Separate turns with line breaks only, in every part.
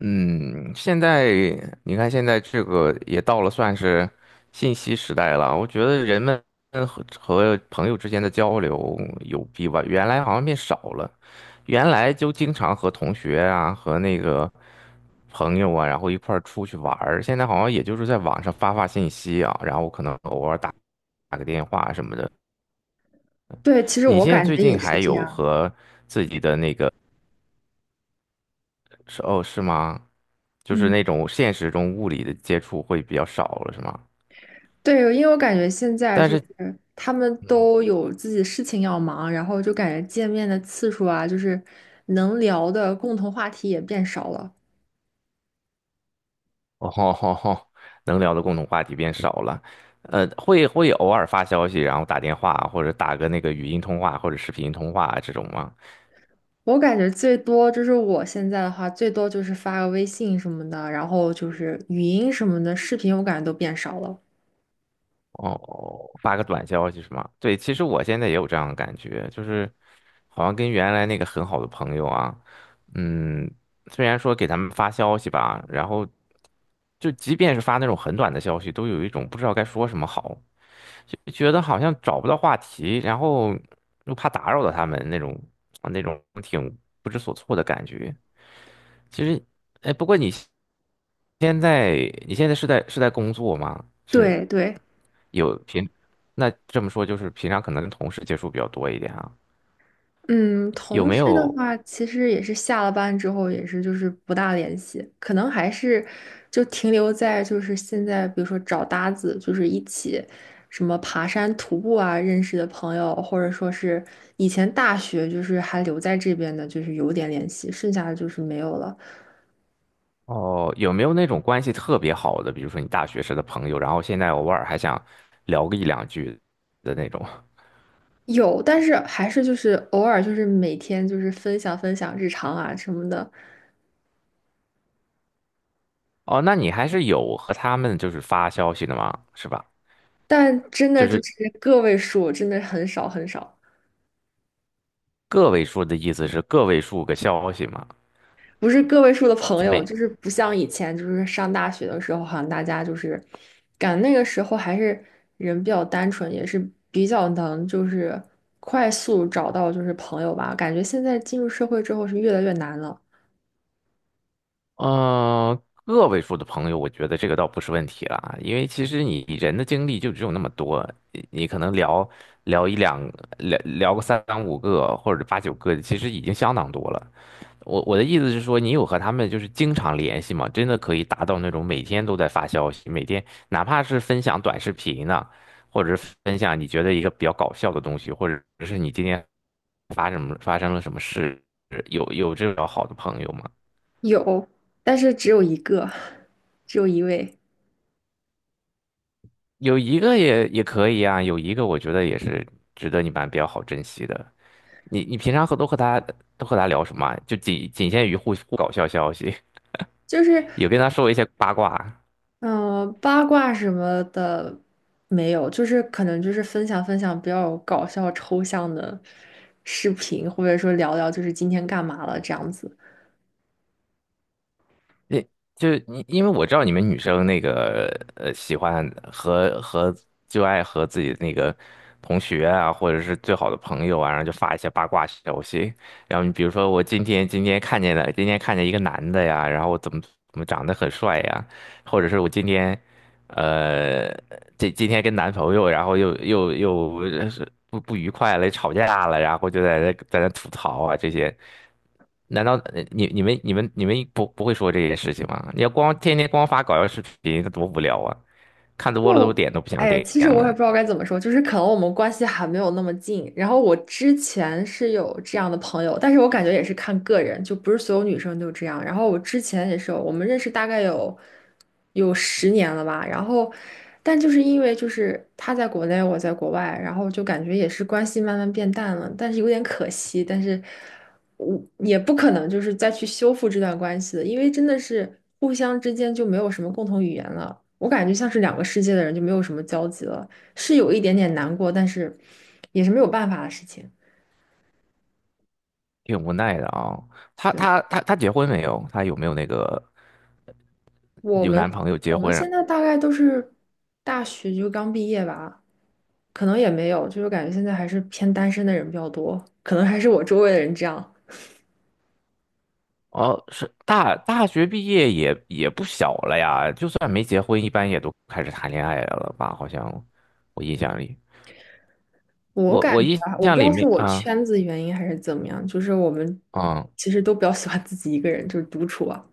嗯，现在你看，现在这个也到了算是信息时代了。我觉得人们和朋友之间的交流有比吧，原来好像变少了。原来就经常和同学啊，和那个朋友啊，然后一块儿出去玩儿。现在好像也就是在网上发发信息啊，然后可能偶尔打个电话什么的。
对，其实
你
我
现在
感
最
觉也
近
是
还
这
有
样。
和自己的那个是哦，是吗？就是
嗯，
那种现实中物理的接触会比较少了，是吗？
对，因为我感觉现在
但
就
是，
是他们
嗯，
都有自己的事情要忙，然后就感觉见面的次数啊，就是能聊的共同话题也变少了。
哦吼吼吼，能聊的共同话题变少了。会偶尔发消息，然后打电话或者打个那个语音通话或者视频通话这种吗？
我感觉最多就是我现在的话，最多就是发个微信什么的，然后就是语音什么的，视频我感觉都变少了。
哦，发个短消息是吗？对，其实我现在也有这样的感觉，就是好像跟原来那个很好的朋友啊，嗯，虽然说给他们发消息吧，然后就即便是发那种很短的消息，都有一种不知道该说什么好。就觉得好像找不到话题，然后又怕打扰到他们那种啊那种挺不知所措的感觉。其实，哎，不过你现在你现在是在工作吗？是
对对。
有平，那这么说就是平常可能跟同事接触比较多一点啊。
嗯，
有
同
没
事的
有
话，其实也是下了班之后，也是就是不大联系，可能还是就停留在就是现在，比如说找搭子，就是一起什么爬山、徒步啊认识的朋友，或者说是以前大学就是还留在这边的，就是有点联系，剩下的就是没有了。
哦？有没有那种关系特别好的，比如说你大学时的朋友，然后现在偶尔还想聊个一两句的那种？
有，但是还是就是偶尔就是每天就是分享分享日常啊什么的，
哦，那你还是有和他们就是发消息的吗？是吧？
但真
就
的就
是
是个位数，真的很少很少。
个位数的意思是个位数个消息嘛，
不是个位数的朋
就
友，
没，
就是不像以前，就是上大学的时候，好像大家就是，感觉那个时候还是人比较单纯，也是比较能就是快速找到就是朋友吧。感觉现在进入社会之后是越来越难了，
呃，个位数的朋友，我觉得这个倒不是问题了啊，因为其实你人的精力就只有那么多，你可能聊聊一两聊聊个三五个或者八九个，其实已经相当多了。我的意思是说，你有和他们就是经常联系吗？真的可以达到那种每天都在发消息，每天哪怕是分享短视频呢，或者是分享你觉得一个比较搞笑的东西，或者是你今天发生了什么事，有这种好的朋友吗？
有，但是只有一个，只有一位，
有一个也可以啊，有一个我觉得也是值得你们比较好珍惜的。你平常和都和他都和他聊什么啊就仅仅限于互搞笑消息，
就是
有跟他说一些八卦啊。
八卦什么的没有，就是可能就是分享分享比较搞笑抽象的视频，或者说聊聊就是今天干嘛了这样子。
那就因为我知道你们女生那个喜欢和就爱和自己的那个同学啊，或者是最好的朋友啊，然后就发一些八卦消息。然后你比如说，我今天看见了，今天看见一个男的呀，然后我怎么长得很帅呀，或者是我今天呃，这今天跟男朋友，然后又是不愉快了，吵架了，然后就在那吐槽啊这些。难道你们不会说这些事情吗？你要光天天光发搞笑视频，那多无聊啊！看多了都
就，
点都不想
哎，
点
其实我
了，
也不知道该怎么说，就是可能我们关系还没有那么近。然后我之前是有这样的朋友，但是我感觉也是看个人，就不是所有女生都这样。然后我之前也是有，我们认识大概有10年了吧。然后，但就是因为就是他在国内，我在国外，然后就感觉也是关系慢慢变淡了，但是有点可惜。但是我也不可能就是再去修复这段关系的，因为真的是互相之间就没有什么共同语言了。我感觉像是两个世界的人就没有什么交集了，是有一点点难过，但是也是没有办法的事情。
挺无奈的啊、她
对，
她她她结婚没有？她有没有那个
我
有
们，
男朋友结
我们
婚啊？
现在大概都是大学就刚毕业吧，可能也没有，就是感觉现在还是偏单身的人比较多，可能还是我周围的人这样。
哦，是大学毕业也不小了呀，就算没结婚，一般也都开始谈恋爱了吧？好像我印象里，
我
我
感
我
觉
印
啊，我不
象
知
里
道是
面
我
啊，
圈子原因还是怎么样，就是我们
嗯，
其实都比较喜欢自己一个人，就是独处啊。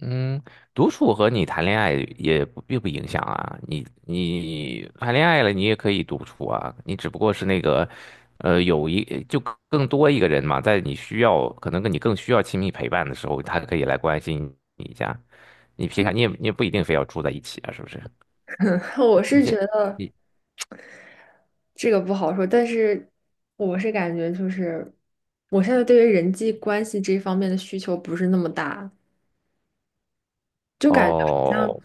嗯，独处和你谈恋爱也不并不影响啊。你你谈恋爱了，你也可以独处啊。你只不过是那个，有一就更多一个人嘛，在你需要可能跟你更需要亲密陪伴的时候，他可以来关心你一下。你平常你也不一定非要住在一起啊，是不是？
我
你
是觉
先你
得。这个不好说，但是我是感觉就是，我现在对于人际关系这方面的需求不是那么大，就感觉好像，
哦，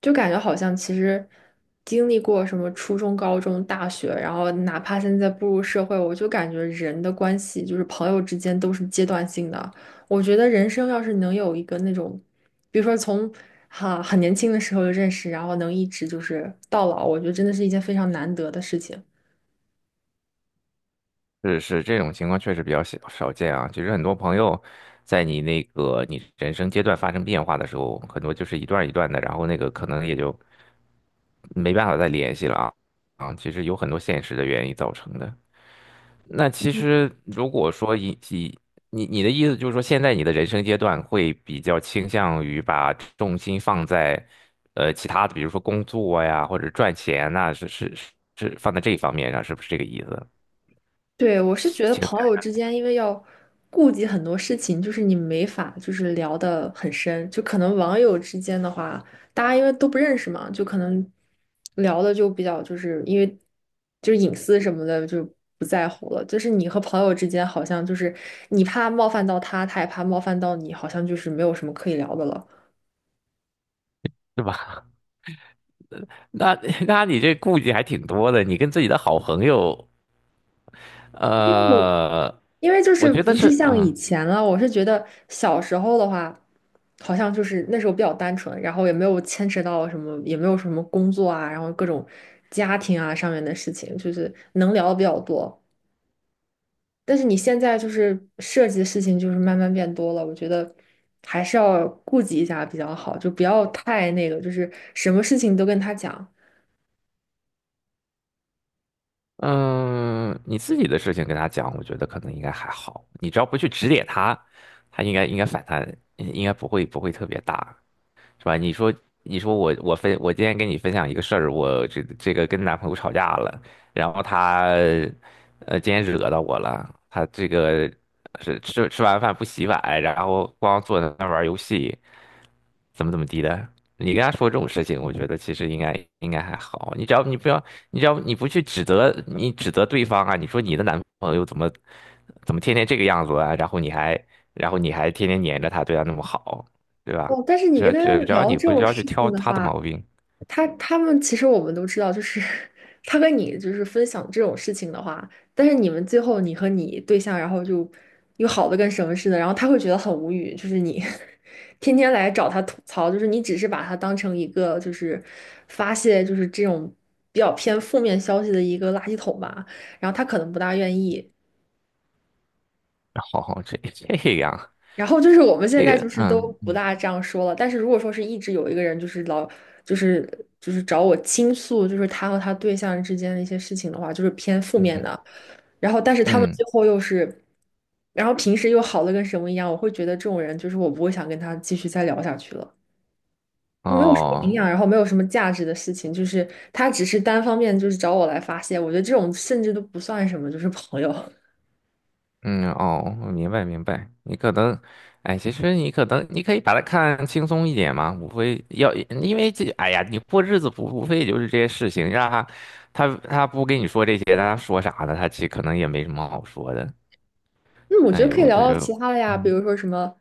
就感觉好像其实经历过什么初中、高中、大学，然后哪怕现在步入社会，我就感觉人的关系就是朋友之间都是阶段性的。我觉得人生要是能有一个那种，比如说从很年轻的时候就认识，然后能一直就是到老，我觉得真的是一件非常难得的事情。
是是，这种情况确实比较少见啊。其实很多朋友在你那个你人生阶段发生变化的时候，很多就是一段一段的，然后那个可能也就没办法再联系了啊。其实有很多现实的原因造成的。那其实如果说你你的意思就是说，现在你的人生阶段会比较倾向于把重心放在呃其他的，比如说工作呀或者赚钱呐、是放在这一方面上，是不是这个意思？
对，我是觉得
情
朋
感
友之间，因为要顾及很多事情，就是你没法就是聊得很深，就可能网友之间的话，大家因为都不认识嘛，就可能聊的就比较就是因为就是隐私什么的就不在乎了。就是你和朋友之间，好像就是你怕冒犯到他，他也怕冒犯到你，好像就是没有什么可以聊的了。
对吧？那 那你这顾忌还挺多的，你跟自己的好朋友，
因为我
呃，
因为就
我
是
觉得
不是
是，
像以
嗯
前了，我是觉得小时候的话，好像就是那时候比较单纯，然后也没有牵扯到什么，也没有什么工作啊，然后各种家庭啊上面的事情，就是能聊的比较多。但是你现在就是涉及的事情就是慢慢变多了，我觉得还是要顾及一下比较好，就不要太那个，就是什么事情都跟他讲。
嗯，你自己的事情跟他讲，我觉得可能应该还好，你只要不去指点他，他应该反弹，应该不会特别大。是吧？你说，你说我今天跟你分享一个事儿，我这个跟男朋友吵架了，然后他今天惹到我了，他这个是吃完饭不洗碗，然后光坐在那儿玩游戏，怎么地的。你跟他说这种事情，我觉得其实应该还好。你只要你不要，你只要你不去指责对方啊，你说你的男朋友怎么天天这个样子啊，然后你还天天黏着他，对他那么好，对吧？
哦，但是你跟
只
他
只只要
聊
你
这
不
种
要去
事
挑
情的
他的
话，
毛病，
他们其实我们都知道，就是 他跟你就是分享这种事情的话，但是你们最后你和你对象，然后就又好的跟什么似的，然后他会觉得很无语，就是你 天天来找他吐槽，就是你只是把他当成一个就是发泄就是这种比较偏负面消息的一个垃圾桶吧，然后他可能不大愿意，
好好，这这样，
然后就是我们现
这
在
个，
就是都
嗯
不
嗯
大这样说了，但是如果说是一直有一个人就是老就是就是找我倾诉，就是他和他对象之间的一些事情的话，就是偏负面
嗯
的。然后但是他们
嗯，
最后又是，然后平时又好的跟什么一样，我会觉得这种人就是我不会想跟他继续再聊下去了，就没有什么营
哦，
养，然后没有什么价值的事情，就是他只是单方面就是找我来发泄，我觉得这种甚至都不算什么，就是朋友。
嗯哦，我明白。你可能，哎，其实你可能你可以把它看轻松一点嘛，无非要，因为这，哎呀，你过日子不无非也就是这些事情，让他他不跟你说这些，那他说啥呢？他其实可能也没什么好说的。
那我觉
哎
得可以
呦，
聊
这
聊
就，
其他的呀，比
嗯
如说什么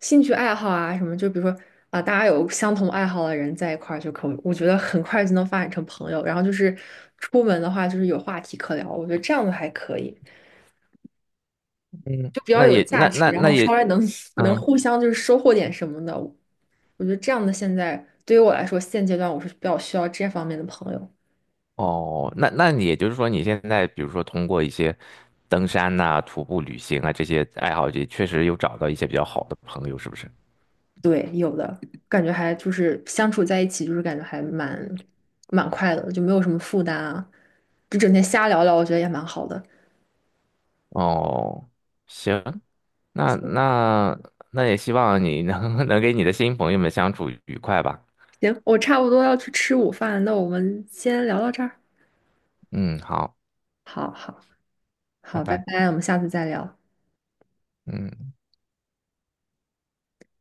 兴趣爱好啊，什么就比如说啊，大家有相同爱好的人在一块儿就可以，我觉得很快就能发展成朋友。然后就是出门的话，就是有话题可聊，我觉得这样的还可以，
嗯，
就比较
那
有
也
价
那
值，
那
然
那
后
也，
稍微能 能
嗯。
互相就是收获点什么的。我觉得这样的现在对于我来说，现阶段我是比较需要这方面的朋友。
哦，那你也就是说，你现在比如说通过一些登山呐、徒步旅行啊这些爱好，也确实有找到一些比较好的朋友，是不是？
对，有的，感觉还就是相处在一起，就是感觉还蛮快乐的，就没有什么负担啊，就整天瞎聊聊，我觉得也蛮好的。
哦，行，那那那也希望你能 能给你的新朋友们相处愉快吧。
行，我差不多要去吃午饭，那我们先聊到这儿。
嗯，好，
好好
拜
好，拜
拜。
拜，我们下次再聊。
嗯。